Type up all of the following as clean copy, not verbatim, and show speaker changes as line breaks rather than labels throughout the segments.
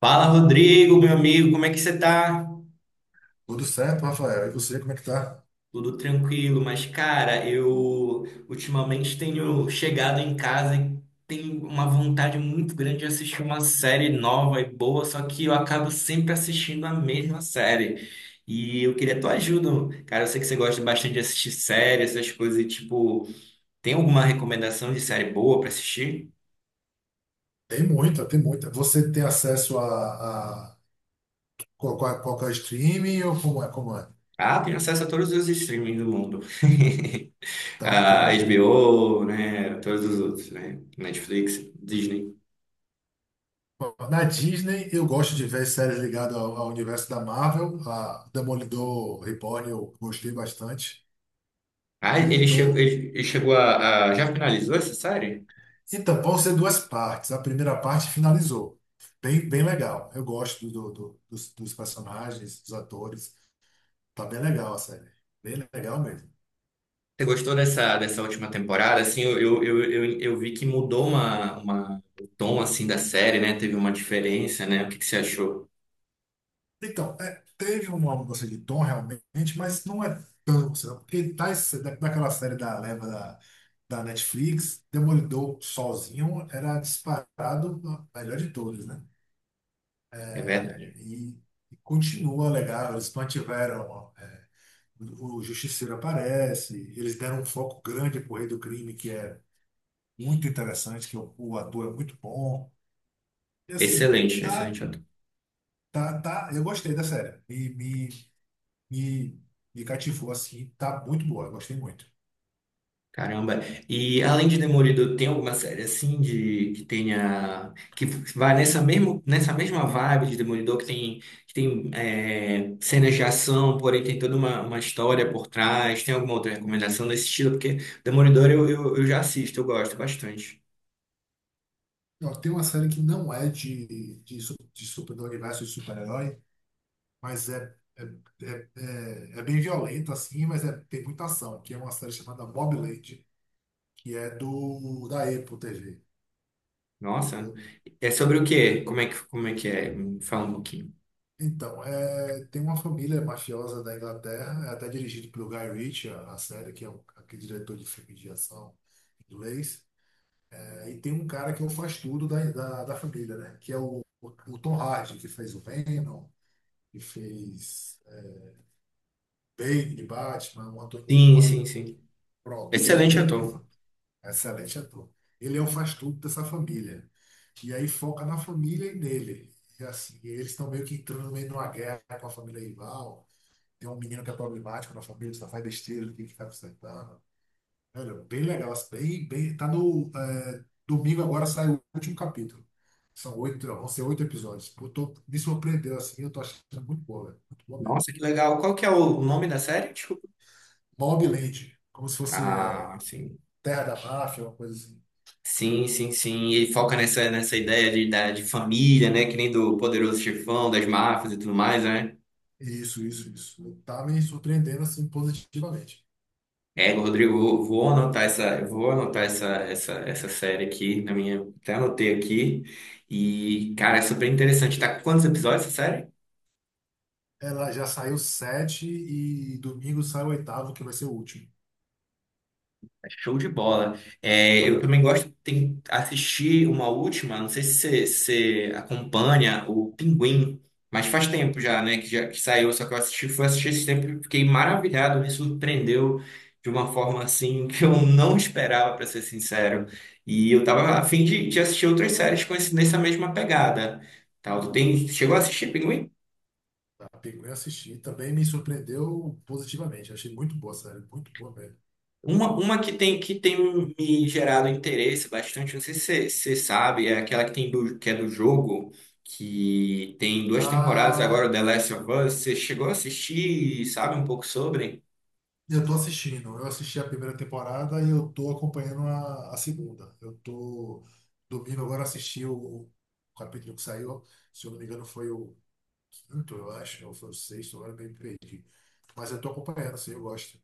Fala, Rodrigo, meu amigo, como é que você tá?
Tudo certo, Rafael? E você, como é que tá?
Tudo tranquilo, mas cara, eu ultimamente tenho chegado em casa e tenho uma vontade muito grande de assistir uma série nova e boa, só que eu acabo sempre assistindo a mesma série. E eu queria tua ajuda, cara. Eu sei que você gosta bastante de assistir séries, essas coisas, e, tipo, tem alguma recomendação de série boa pra assistir?
Tem muita, tem muita. Você tem acesso a, qual, qual que é o streaming ou como é, como é?
Ah, tenho acesso a todos os streamings do mundo.
Então,
A
pronto.
HBO, né? Todos os outros, né? Netflix, Disney.
Na Disney, eu gosto de ver séries ligadas ao, ao universo da Marvel. A Demolidor Reborn eu gostei bastante.
Ah,
E
ele chegou,
tô...
ele chegou a- Já finalizou essa série?
Então, vão ser duas partes. A primeira parte finalizou. Bem, bem legal. Eu gosto dos, dos personagens, dos atores. Tá bem legal a série. Bem legal mesmo.
Você gostou dessa, dessa última temporada? Assim, eu vi que mudou uma, o tom, assim, da série, né? Teve uma diferença, né? O que que você achou?
Então, é, teve uma mudança de tom realmente, mas não é tão, sabe? Porque tá, daquela série da leva da Netflix, Demolidor sozinho era disparado a melhor de todos, né?
É
É,
verdade.
E, e continua legal, eles mantiveram, é, o Justiceiro aparece, eles deram um foco grande pro Rei do Crime, que é muito interessante, que o ator é muito bom. E assim,
Excelente,
tá,
excelente.
tá, eu gostei da série. E e cativou assim, tá muito boa, eu gostei muito.
Caramba. E além de Demolidor, tem alguma série assim de que tenha que vai nessa mesmo nessa mesma vibe de Demolidor que tem é, cenas de ação, porém tem toda uma história por trás. Tem alguma outra recomendação nesse estilo? Porque Demolidor eu já assisto, eu gosto bastante.
Ó, tem uma série que não é de super, do universo de super-herói, mas é, é, é, é, é bem violenta assim, mas é, tem muita ação, que é uma série chamada Mobland, que é do da Apple TV.
Nossa.
Eu-
É sobre o quê? Como é que é? Me fala um pouquinho.
então, é, tem uma família mafiosa da Inglaterra, é até dirigido pelo Guy Ritchie, a série, que é um, aquele diretor de filme de ação inglês. E tem um cara que é o faz tudo da família, né? Que é o Tom Hardy, que fez o Venom, que fez é, Bane de Batman, um ator, um
Sim, sim,
ator-
sim.
pronto. Ele,
Excelente
ele que
ator.
fa- É excelente ator. Ele é o faz tudo dessa família. E aí foca na família e nele. E assim, eles estão meio que entrando no meio de uma guerra com a família rival. Tem um menino que é problemático na família, só faz besteira, ele tem que ficar consertando. Velho, bem legal. Bem, bem, tá no. É, domingo agora sai o último capítulo. São oito, vão ser oito episódios. Pô, tô, me surpreendeu assim, eu tô achando muito boa, velho. Muito boa mesmo.
Nossa, que legal. Qual que é o nome da série? Desculpa.
Mobland, como se fosse é,
Ah, sim.
Terra da Máfia, uma coisa assim.
Sim, sim, sim. E ele foca nessa, nessa ideia de, da, de família, né? Que nem do Poderoso Chefão, das máfias e tudo mais, né?
Isso, isso, isso. Tá me surpreendendo assim positivamente.
É, Rodrigo, vou anotar essa, eu vou anotar essa, essa, essa série aqui na minha. Até anotei aqui. E, cara, é super interessante. Tá com quantos episódios essa série?
Ela já saiu sete e domingo sai o oitavo, que vai ser o último.
Show de bola. É, eu também gosto de assistir uma última, não sei se você acompanha o Pinguim, mas faz tempo já, né, que já que saiu, só que eu assisti, fui assistir esse tempo e fiquei maravilhado, me surpreendeu de uma forma assim que eu não esperava, para ser sincero. E eu tava a fim de assistir outras séries com esse, nessa mesma pegada. Tal, tu tem, chegou a assistir Pinguim?
Tá? Peguei e assisti. Também me surpreendeu positivamente. Achei muito boa, sério. Muito boa mesmo.
Uma que tem um, me gerado interesse bastante, não sei se você sabe, é aquela que tem do, que é do jogo, que tem duas temporadas agora,
Ah,
The Last of Us. Você chegou a assistir e sabe um pouco sobre?
eu tô assistindo. Eu assisti a primeira temporada e eu tô acompanhando a segunda. Eu tô domingo agora assisti o capítulo que saiu. Se eu não me engano, foi o quinto, eu acho, ou foi o sexto, agora eu me perdi. Mas eu tô acompanhando, assim, eu gosto.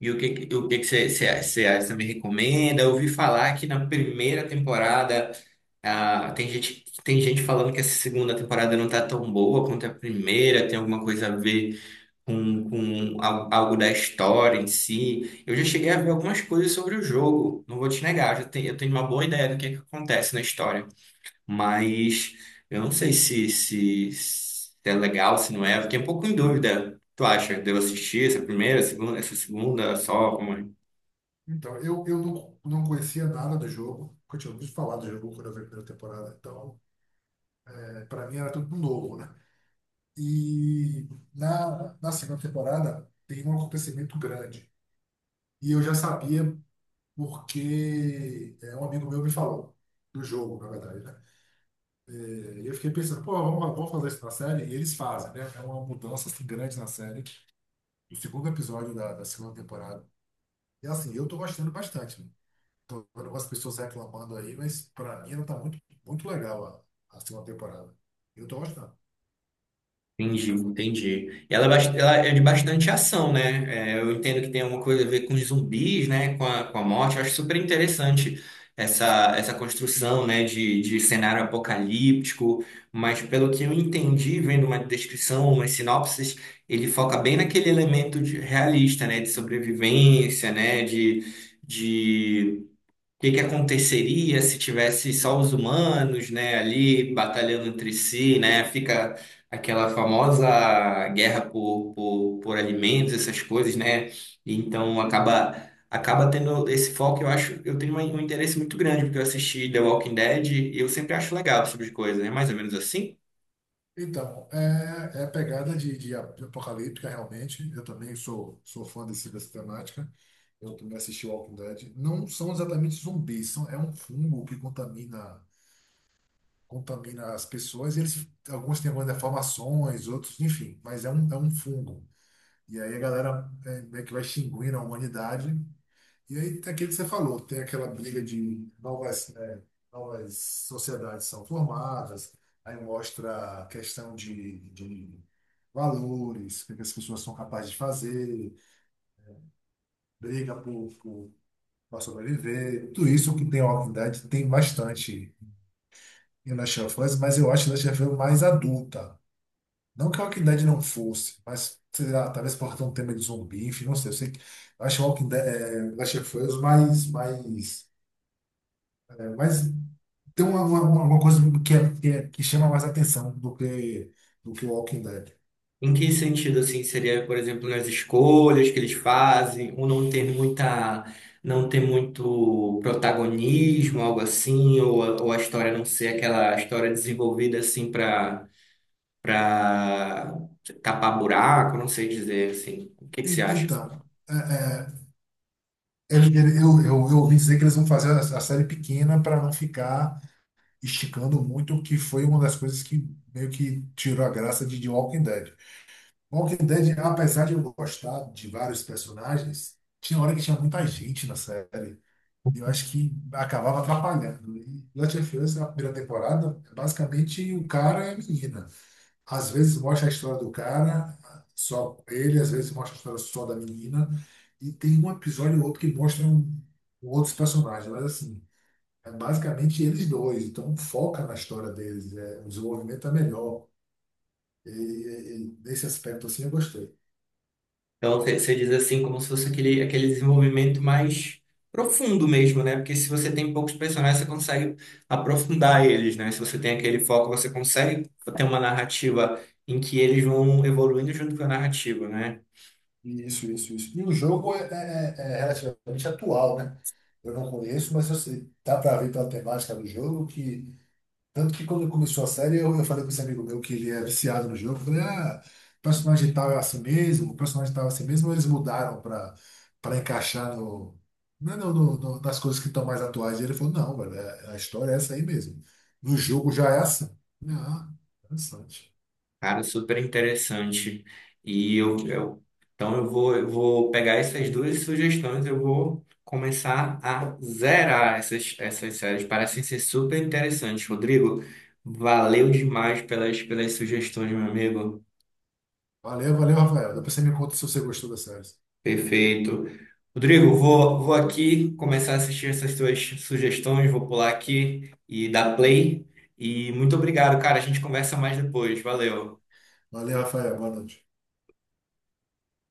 E o que, que você me recomenda? Eu ouvi falar que na primeira temporada, ah, tem gente falando que essa segunda temporada não tá tão boa quanto a primeira, tem alguma coisa a ver com al- algo da história em si. Eu já cheguei a ver algumas coisas sobre o jogo, não vou te negar, eu já tenho, eu tenho uma boa ideia do que é que acontece na história, mas eu não sei se, se, se é legal, se não é, eu fiquei um pouco em dúvida. Tu acha? Devo assistir essa primeira, essa segunda, só?
Então, eu não, não conhecia nada do jogo, porque eu tinha ouvido falar do jogo quando eu vi a primeira temporada. Então, é, para mim era tudo novo, né? E na segunda temporada tem um acontecimento grande. E eu já sabia porque é, um amigo meu me falou do jogo, na verdade, né? É, e eu fiquei pensando, pô, vamos, vamos fazer isso na série? E eles fazem, né? É uma mudança assim, grande na série, no segundo episódio da segunda temporada. E assim, eu tô gostando bastante. Né? Tô vendo algumas pessoas reclamando aí, mas pra mim não tá muito, muito legal a segunda temporada. Eu tô gostando.
Entendi, entendi. E ela, é bast- ela é de bastante ação, né? É, eu entendo que tem alguma coisa a ver com os zumbis, né? Com a morte. Eu acho super interessante essa, essa construção, né? De cenário apocalíptico. Mas pelo que eu entendi, vendo uma descrição, umas sinopses, ele foca bem naquele elemento de- realista, né? De sobrevivência, né? De o que que aconteceria se tivesse só os humanos, né, ali batalhando entre si, né? Fica aquela famosa guerra por alimentos, essas coisas, né? Então acaba acaba tendo esse foco, eu acho, eu tenho um um interesse muito grande porque eu assisti The Walking Dead e eu sempre acho legal esse tipo de coisa, né? Mais ou menos assim.
Então, é, é pegada de apocalíptica, realmente. Eu também sou, sou fã desse, dessa temática. Eu também assisti Walking Dead. Não são exatamente zumbis, são, é um fungo que contamina, contamina as pessoas. E eles, alguns têm algumas deformações, outros, enfim, mas é um fungo. E aí a galera é, meio que vai extinguindo a humanidade. E aí tem aquilo que você falou, tem aquela briga de novas, né, novas sociedades são formadas, aí mostra a questão de valores, o que é que as pessoas são capazes de fazer, briga para sobreviver, tudo isso que tem a Walking Dead tem bastante em Last of Us, mas eu acho Last of Us mais adulta. Não que a Walking Dead não fosse, mas sei lá, talvez por ter um tema de zumbi, enfim, não sei, eu sei que eu acho Walking Dead, eh, Last of Us mais, mais é, mas tem uma coisa que, é, que chama mais atenção do que o Walking Dead.
Em que sentido, assim, seria, por exemplo, nas escolhas que eles fazem, ou não ter muita, não ter muito protagonismo, algo assim, ou a história não ser aquela história desenvolvida, assim, para para tapar buraco, não sei dizer, assim. O que que você acha?
Então, é, é, eu, eu ouvi dizer que eles vão fazer a série pequena para não ficar esticando muito, que foi uma das coisas que meio que tirou a graça de Walking Dead. Walking Dead, apesar de eu gostar de vários personagens, tinha hora que tinha muita gente na série. E eu acho que acabava atrapalhando. E Last of Us, na primeira temporada, é basicamente o cara e a menina. Às vezes mostra a história do cara, só ele, às vezes mostra a história só da menina. E tem um episódio ou outro que mostra um, um outros personagens, mas assim, é basicamente eles dois. Então foca na história deles, é, o desenvolvimento é melhor. E, e nesse aspecto assim eu gostei.
Então, você diz assim, como se fosse aquele, aquele desenvolvimento mais profundo mesmo, né? Porque se você tem poucos personagens, você consegue aprofundar eles, né? Se você tem aquele foco, você consegue ter uma narrativa em que eles vão evoluindo junto com a narrativa, né?
Isso, isso, isso. E o jogo é, é relativamente atual, né? Eu não conheço, mas eu sei. Dá para ver pela temática do jogo que tanto que quando começou a série, eu falei com esse amigo meu que ele é viciado no jogo. Eu falei, ah, o personagem tal é assim mesmo, o personagem tal é assim mesmo. Ou eles mudaram para para encaixar no, né, no, nas coisas que estão mais atuais. E ele falou, não, velho, é- a história é essa aí mesmo. No jogo já é assim. Ah, interessante.
Cara, super interessante. E eu então eu vou pegar essas duas sugestões, eu vou começar a zerar essas, essas séries. Parecem ser super interessantes. Rodrigo, valeu demais pelas, pelas sugestões, meu amigo.
Valeu, valeu, Rafael. Depois você me conta se você gostou da série.
Perfeito. Rodrigo, vou, vou aqui começar a assistir essas suas sugestões, vou pular aqui e dar play. E muito obrigado, cara. A gente conversa mais depois. Valeu.
Valeu, Rafael. Boa noite.